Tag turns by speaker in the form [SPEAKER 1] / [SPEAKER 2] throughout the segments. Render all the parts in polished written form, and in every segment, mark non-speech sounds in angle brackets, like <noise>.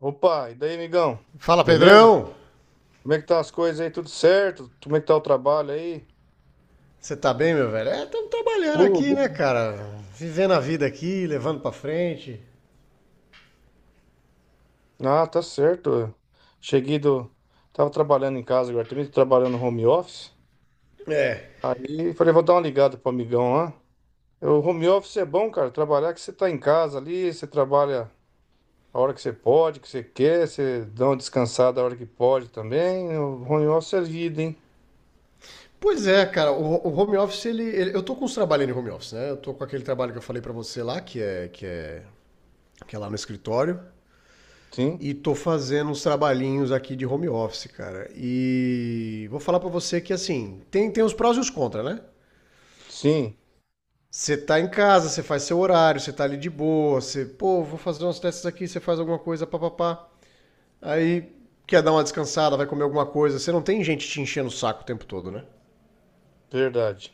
[SPEAKER 1] Opa, e daí, amigão?
[SPEAKER 2] Fala,
[SPEAKER 1] Beleza?
[SPEAKER 2] Pedrão!
[SPEAKER 1] Como é que tá as coisas aí? Tudo certo? Como é que tá o trabalho aí?
[SPEAKER 2] Você tá bem, meu velho? Estamos trabalhando
[SPEAKER 1] Ô,
[SPEAKER 2] aqui,
[SPEAKER 1] be-
[SPEAKER 2] né, cara? Vivendo a vida aqui, levando pra frente.
[SPEAKER 1] Ah, tá certo. Cheguei do. Tava trabalhando em casa agora também, tô trabalhando no home office.
[SPEAKER 2] É.
[SPEAKER 1] Aí falei, vou dar uma ligada pro amigão lá. O home office é bom, cara. Trabalhar que você tá em casa ali, você trabalha a hora que você pode, que você quer, você dá uma descansada a hora que pode também. O home office é vida, hein?
[SPEAKER 2] Pois é, cara, o home office, eu tô com uns trabalhando em home office, né? Eu tô com aquele trabalho que eu falei pra você lá, que é lá no escritório.
[SPEAKER 1] Sim,
[SPEAKER 2] E tô fazendo uns trabalhinhos aqui de home office, cara. E vou falar pra você que, assim, tem os prós e os contras, né?
[SPEAKER 1] sim,
[SPEAKER 2] Você tá em casa, você faz seu horário, você tá ali de boa, você, pô, vou fazer umas testes aqui, você faz alguma coisa, papapá. Aí quer dar uma descansada, vai comer alguma coisa. Você não tem gente te enchendo o saco o tempo todo, né?
[SPEAKER 1] verdade.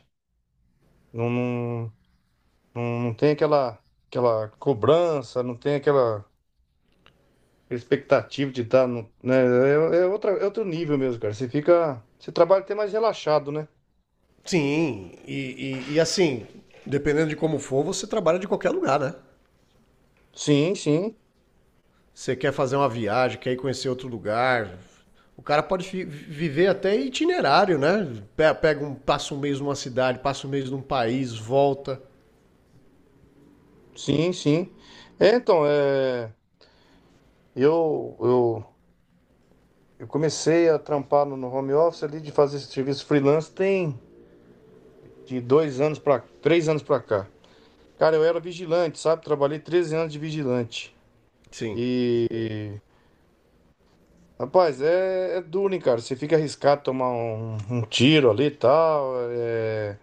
[SPEAKER 1] Não, não. Não, não tem aquela, aquela cobrança, não tem aquela expectativa de estar no, né? É, é outra, é outro nível mesmo, cara. Você fica, você trabalha até mais relaxado, né?
[SPEAKER 2] Sim, e assim, dependendo de como for, você trabalha de qualquer lugar, né?
[SPEAKER 1] Sim, sim,
[SPEAKER 2] Você quer fazer uma viagem, quer ir conhecer outro lugar. O cara pode viver até itinerário, né? Pega um, passa um mês numa cidade, passa um mês num país, volta.
[SPEAKER 1] sim, sim. É, então, é, eu, eu, eu comecei a trampar no home office ali de fazer esse serviço freelance tem de 2 anos para 3 anos para cá. Cara, eu era vigilante, sabe? Trabalhei 13 anos de vigilante.
[SPEAKER 2] Sim,
[SPEAKER 1] e Rapaz, é duro, hein, cara? Você fica arriscado a tomar um tiro ali e tal.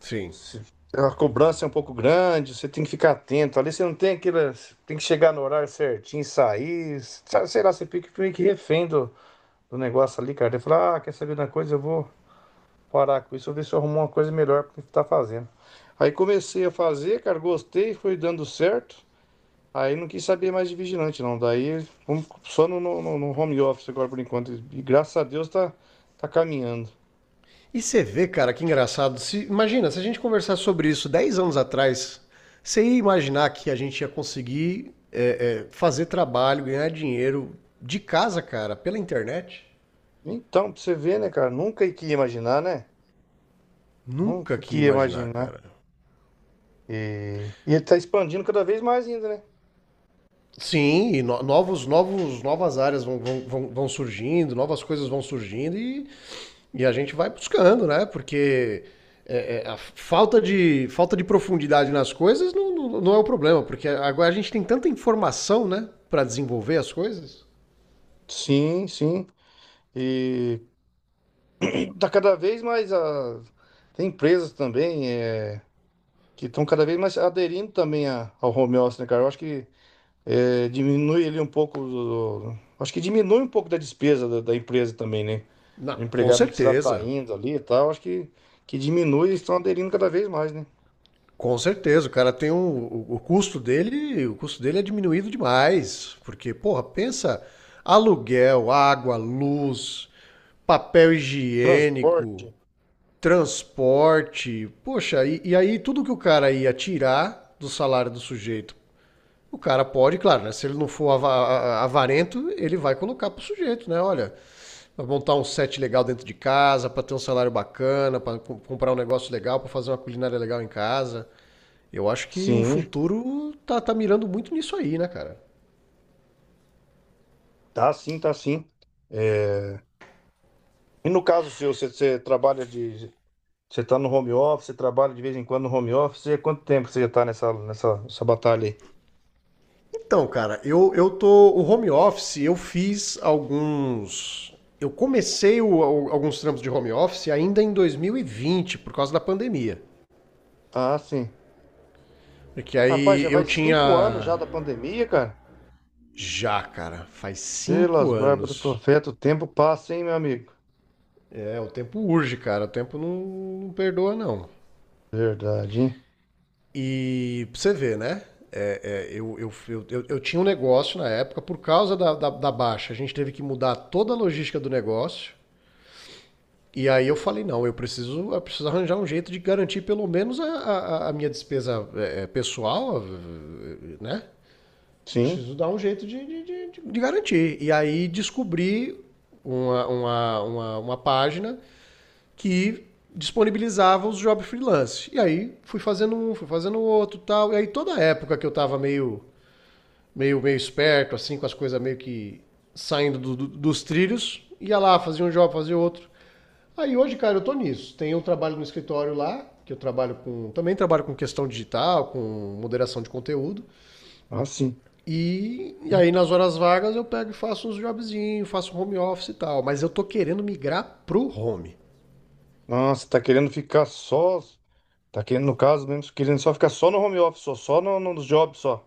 [SPEAKER 2] sim.
[SPEAKER 1] se- a cobrança é um pouco grande, você tem que ficar atento. Ali você não tem aquela. Tem que chegar no horário certinho, sair. Sabe, sei lá, você fica meio que refém do negócio ali, cara. Ele fala, ah, quer saber de uma coisa? Eu vou parar com isso, eu vou ver se eu arrumo uma coisa melhor pra estar fazendo. Aí comecei a fazer, cara, gostei, foi dando certo. Aí não quis saber mais de vigilante, não. Daí vamos só no home office agora por enquanto. E graças a Deus tá caminhando.
[SPEAKER 2] E você vê, cara, que engraçado. Se, Imagina, se a gente conversar sobre isso 10 anos atrás, você ia imaginar que a gente ia conseguir fazer trabalho, ganhar dinheiro de casa, cara, pela internet?
[SPEAKER 1] Então, pra você ver, né, cara? Nunca que ia imaginar, né?
[SPEAKER 2] Nunca
[SPEAKER 1] Nunca
[SPEAKER 2] que
[SPEAKER 1] que
[SPEAKER 2] ia
[SPEAKER 1] ia
[SPEAKER 2] imaginar,
[SPEAKER 1] imaginar.
[SPEAKER 2] cara.
[SPEAKER 1] E ele tá expandindo cada vez mais ainda, né?
[SPEAKER 2] Sim, e novas áreas vão surgindo, novas coisas vão surgindo e a gente vai buscando, né? Porque a falta de profundidade nas coisas não é o problema, porque agora a gente tem tanta informação, né? Para desenvolver as coisas.
[SPEAKER 1] Sim, sim. E tá cada vez mais Tem empresas também que estão cada vez mais aderindo também ao home office, né, cara? Eu acho que diminui ele um pouco. Acho que diminui um pouco da despesa da empresa também, né?
[SPEAKER 2] Não,
[SPEAKER 1] O
[SPEAKER 2] com
[SPEAKER 1] empregado não precisa estar
[SPEAKER 2] certeza.
[SPEAKER 1] indo ali e tal. Que diminui e estão aderindo cada vez mais, né?
[SPEAKER 2] Com certeza, o cara tem o custo dele é diminuído demais, porque porra, pensa aluguel, água, luz, papel higiênico,
[SPEAKER 1] Transporte.
[SPEAKER 2] transporte, poxa, e aí tudo que o cara ia tirar do salário do sujeito. O cara pode, claro, né? Se ele não for avarento, ele vai colocar pro sujeito, né? Olha, vai montar um set legal dentro de casa, pra ter um salário bacana, pra comprar um negócio legal, pra fazer uma culinária legal em casa. Eu acho que o
[SPEAKER 1] Sim,
[SPEAKER 2] futuro tá mirando muito nisso aí, né, cara?
[SPEAKER 1] tá sim, tá sim. É, e no caso seu, você trabalha de. Você tá no home office, você trabalha de vez em quando no home office. E há quanto tempo você já tá nessa batalha aí?
[SPEAKER 2] Então, cara, eu tô. O home office, eu fiz alguns. Eu comecei alguns trampos de home office ainda em 2020 por causa da pandemia.
[SPEAKER 1] Ah, sim.
[SPEAKER 2] Porque
[SPEAKER 1] Rapaz,
[SPEAKER 2] aí
[SPEAKER 1] já
[SPEAKER 2] eu
[SPEAKER 1] vai 5 anos
[SPEAKER 2] tinha.
[SPEAKER 1] já da pandemia, cara.
[SPEAKER 2] Já, cara, faz
[SPEAKER 1] Pelas
[SPEAKER 2] cinco
[SPEAKER 1] barbas do
[SPEAKER 2] anos.
[SPEAKER 1] profeta, o tempo passa, hein, meu amigo?
[SPEAKER 2] É, o tempo urge, cara. O tempo não perdoa, não.
[SPEAKER 1] Verdade, hein?
[SPEAKER 2] E pra você ver, né? Eu tinha um negócio na época, por causa da baixa, a gente teve que mudar toda a logística do negócio. E aí eu falei, não, eu preciso arranjar um jeito de garantir pelo menos a minha despesa pessoal, né?
[SPEAKER 1] Sim,
[SPEAKER 2] Preciso dar um jeito de garantir. E aí descobri uma página que disponibilizava os jobs freelance. E aí fui fazendo um, fui fazendo outro e tal. E aí toda a época que eu tava meio esperto, assim, com as coisas meio que saindo dos trilhos, ia lá, fazia um job, fazia outro. Aí hoje, cara, eu tô nisso. Tem um trabalho no escritório lá, que eu trabalho com. Também trabalho com questão digital, com moderação de conteúdo.
[SPEAKER 1] ah, sim.
[SPEAKER 2] E aí nas horas vagas eu pego e faço uns jobzinhos, faço home office e tal. Mas eu tô querendo migrar pro home.
[SPEAKER 1] Nossa, tá querendo ficar só, Tá querendo, no caso mesmo, querendo só ficar só no home office, só, só no job só.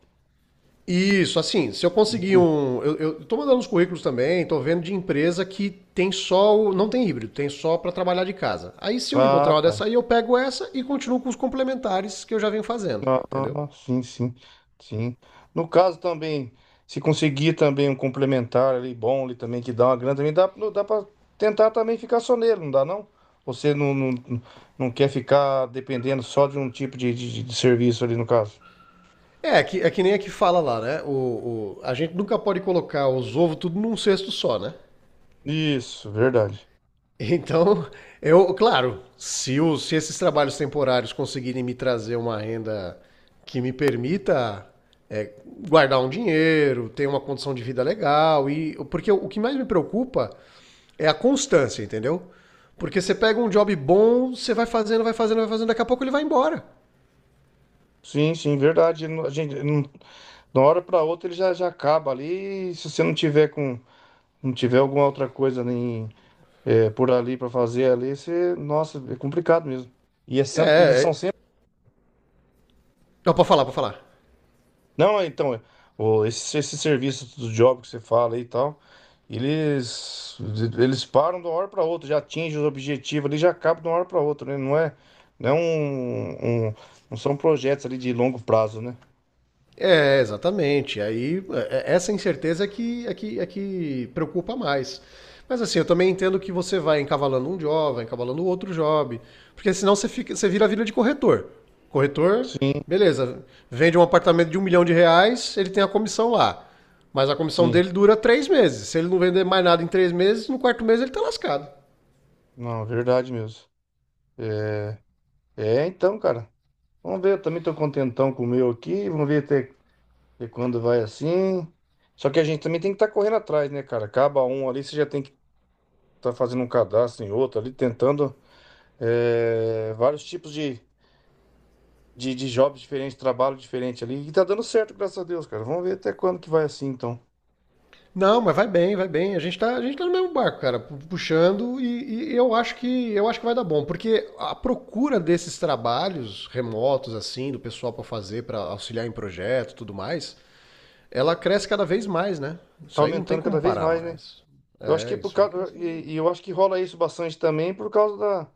[SPEAKER 2] Isso, assim, se eu conseguir
[SPEAKER 1] Entendi.
[SPEAKER 2] um. Eu tô mandando uns currículos também, tô vendo de empresa que tem só. Não tem híbrido, tem só para trabalhar de casa. Aí se eu encontrar
[SPEAKER 1] Ah,
[SPEAKER 2] uma
[SPEAKER 1] tá.
[SPEAKER 2] dessa aí, eu pego essa e continuo com os complementares que eu já venho fazendo,
[SPEAKER 1] Ah,
[SPEAKER 2] entendeu?
[SPEAKER 1] ah, sim, sim, sim. No caso também, se conseguir também um complementar ali, bom ali também, que dá uma grana também, dá, não dá pra tentar também ficar só nele, não dá não? Você não, não, não quer ficar dependendo só de um tipo de serviço ali no caso.
[SPEAKER 2] É que, é que nem a que fala lá, né? A gente nunca pode colocar os ovos tudo num cesto só, né?
[SPEAKER 1] Isso, verdade.
[SPEAKER 2] Então, eu, claro, se esses trabalhos temporários conseguirem me trazer uma renda que me permita é, guardar um dinheiro, ter uma condição de vida legal, e porque o que mais me preocupa é a constância, entendeu? Porque você pega um job bom, você vai fazendo, vai fazendo, vai fazendo, daqui a pouco ele vai embora.
[SPEAKER 1] Sim, sim, verdade. A gente, de uma hora pra outra ele já, já acaba ali, e se você não tiver com não tiver alguma outra coisa nem por ali para fazer ali, você, nossa, é complicado mesmo. E é sem- eles
[SPEAKER 2] É,
[SPEAKER 1] são
[SPEAKER 2] é
[SPEAKER 1] sempre.
[SPEAKER 2] não, pode falar, pode falar.
[SPEAKER 1] Não, esse serviço do job que você fala aí e tal, eles eles param de uma hora para outra, já atingem os objetivos ali, já acabam de uma hora para outra, né? Não é um, um- não são projetos ali de longo prazo, né?
[SPEAKER 2] É, exatamente. Aí essa incerteza é que preocupa mais. Mas assim, eu também entendo que você vai encavalando um job, vai encavalando outro job, porque senão você fica, você vira a vida de corretor. Corretor, beleza, vende um apartamento de um milhão de reais, ele tem a comissão lá. Mas a comissão
[SPEAKER 1] Sim,
[SPEAKER 2] dele dura 3 meses. Se ele não vender mais nada em 3 meses, no quarto mês ele tá lascado.
[SPEAKER 1] não, é verdade mesmo. É, então, cara, vamos ver, eu também tô contentão com o meu aqui, vamos ver até E quando vai assim. Só que a gente também tem que estar correndo atrás, né, cara? Acaba um ali, você já tem que estar fazendo um cadastro em outro ali, tentando vários tipos de jobs diferentes, trabalho diferente ali. E tá dando certo, graças a Deus, cara. Vamos ver até quando que vai assim, então.
[SPEAKER 2] Não, mas vai bem, vai bem. A gente tá no mesmo barco, cara, puxando e eu acho que vai dar bom, porque a procura desses trabalhos remotos assim, do pessoal pra fazer, pra auxiliar em projeto, e tudo mais, ela cresce cada vez mais, né?
[SPEAKER 1] Tá
[SPEAKER 2] Isso aí não tem
[SPEAKER 1] aumentando cada
[SPEAKER 2] como
[SPEAKER 1] vez
[SPEAKER 2] parar
[SPEAKER 1] mais, né?
[SPEAKER 2] mais.
[SPEAKER 1] Eu acho
[SPEAKER 2] É,
[SPEAKER 1] que por
[SPEAKER 2] isso aí
[SPEAKER 1] causa.
[SPEAKER 2] cresce cada vez
[SPEAKER 1] E
[SPEAKER 2] mais.
[SPEAKER 1] eu acho que rola isso bastante também por causa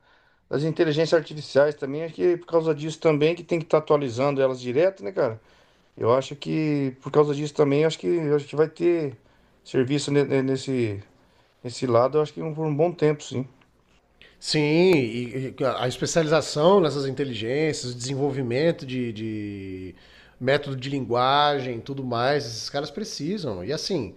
[SPEAKER 1] das inteligências artificiais também. Acho que é por causa disso também, que tem que estar atualizando elas direto, né, cara? Eu acho que por causa disso também, eu acho que vai ter serviço nesse, nesse lado, eu acho que por um bom tempo, sim.
[SPEAKER 2] Sim, e a especialização nessas inteligências, o desenvolvimento de método de linguagem, tudo mais, esses caras precisam. E assim,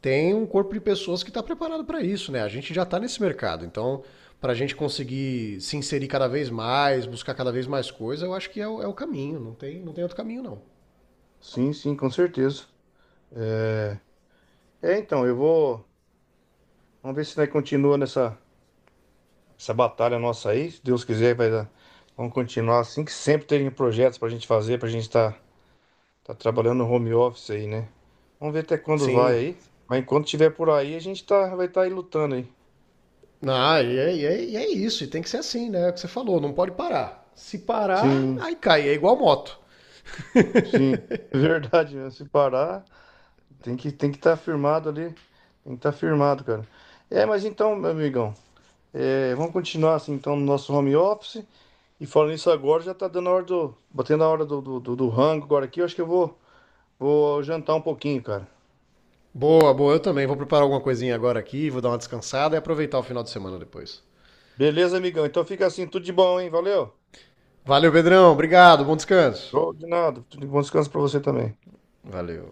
[SPEAKER 2] tem um corpo de pessoas que está preparado para isso, né? A gente já está nesse mercado, então para a gente conseguir se inserir cada vez mais, buscar cada vez mais coisa, eu acho que é o caminho, não tem outro caminho não.
[SPEAKER 1] Sim, sim, com certeza. É, então, eu vou. Vamos ver se nós continua nessa essa batalha nossa aí. Se Deus quiser, vai dar. Vamos continuar assim, que sempre tem projetos pra gente fazer, pra gente estar tá trabalhando no home office aí, né? Vamos ver até quando vai
[SPEAKER 2] Sim.
[SPEAKER 1] aí. Mas enquanto tiver por aí, a gente tá, vai estar tá aí lutando aí.
[SPEAKER 2] Ah, e é isso, e tem que ser assim, né? É o que você falou, não pode parar. Se parar,
[SPEAKER 1] Sim,
[SPEAKER 2] aí cai, é igual moto.
[SPEAKER 1] sim. <laughs> Verdade, né? Se parar. Tem que estar firmado ali. Tem que estar firmado, cara. Meu amigão, vamos continuar assim, então, no nosso home office. E falando isso agora, já tá dando a hora do. Batendo a hora do rango agora aqui. Eu acho que eu vou, vou jantar um pouquinho, cara.
[SPEAKER 2] Boa, boa, eu também. Vou preparar alguma coisinha agora aqui, vou dar uma descansada e aproveitar o final de semana depois.
[SPEAKER 1] Beleza, amigão? Então fica assim, tudo de bom, hein? Valeu.
[SPEAKER 2] Valeu, Pedrão. Obrigado, bom descanso.
[SPEAKER 1] Show de nada. Tudo de bom descanso pra você também.
[SPEAKER 2] Valeu.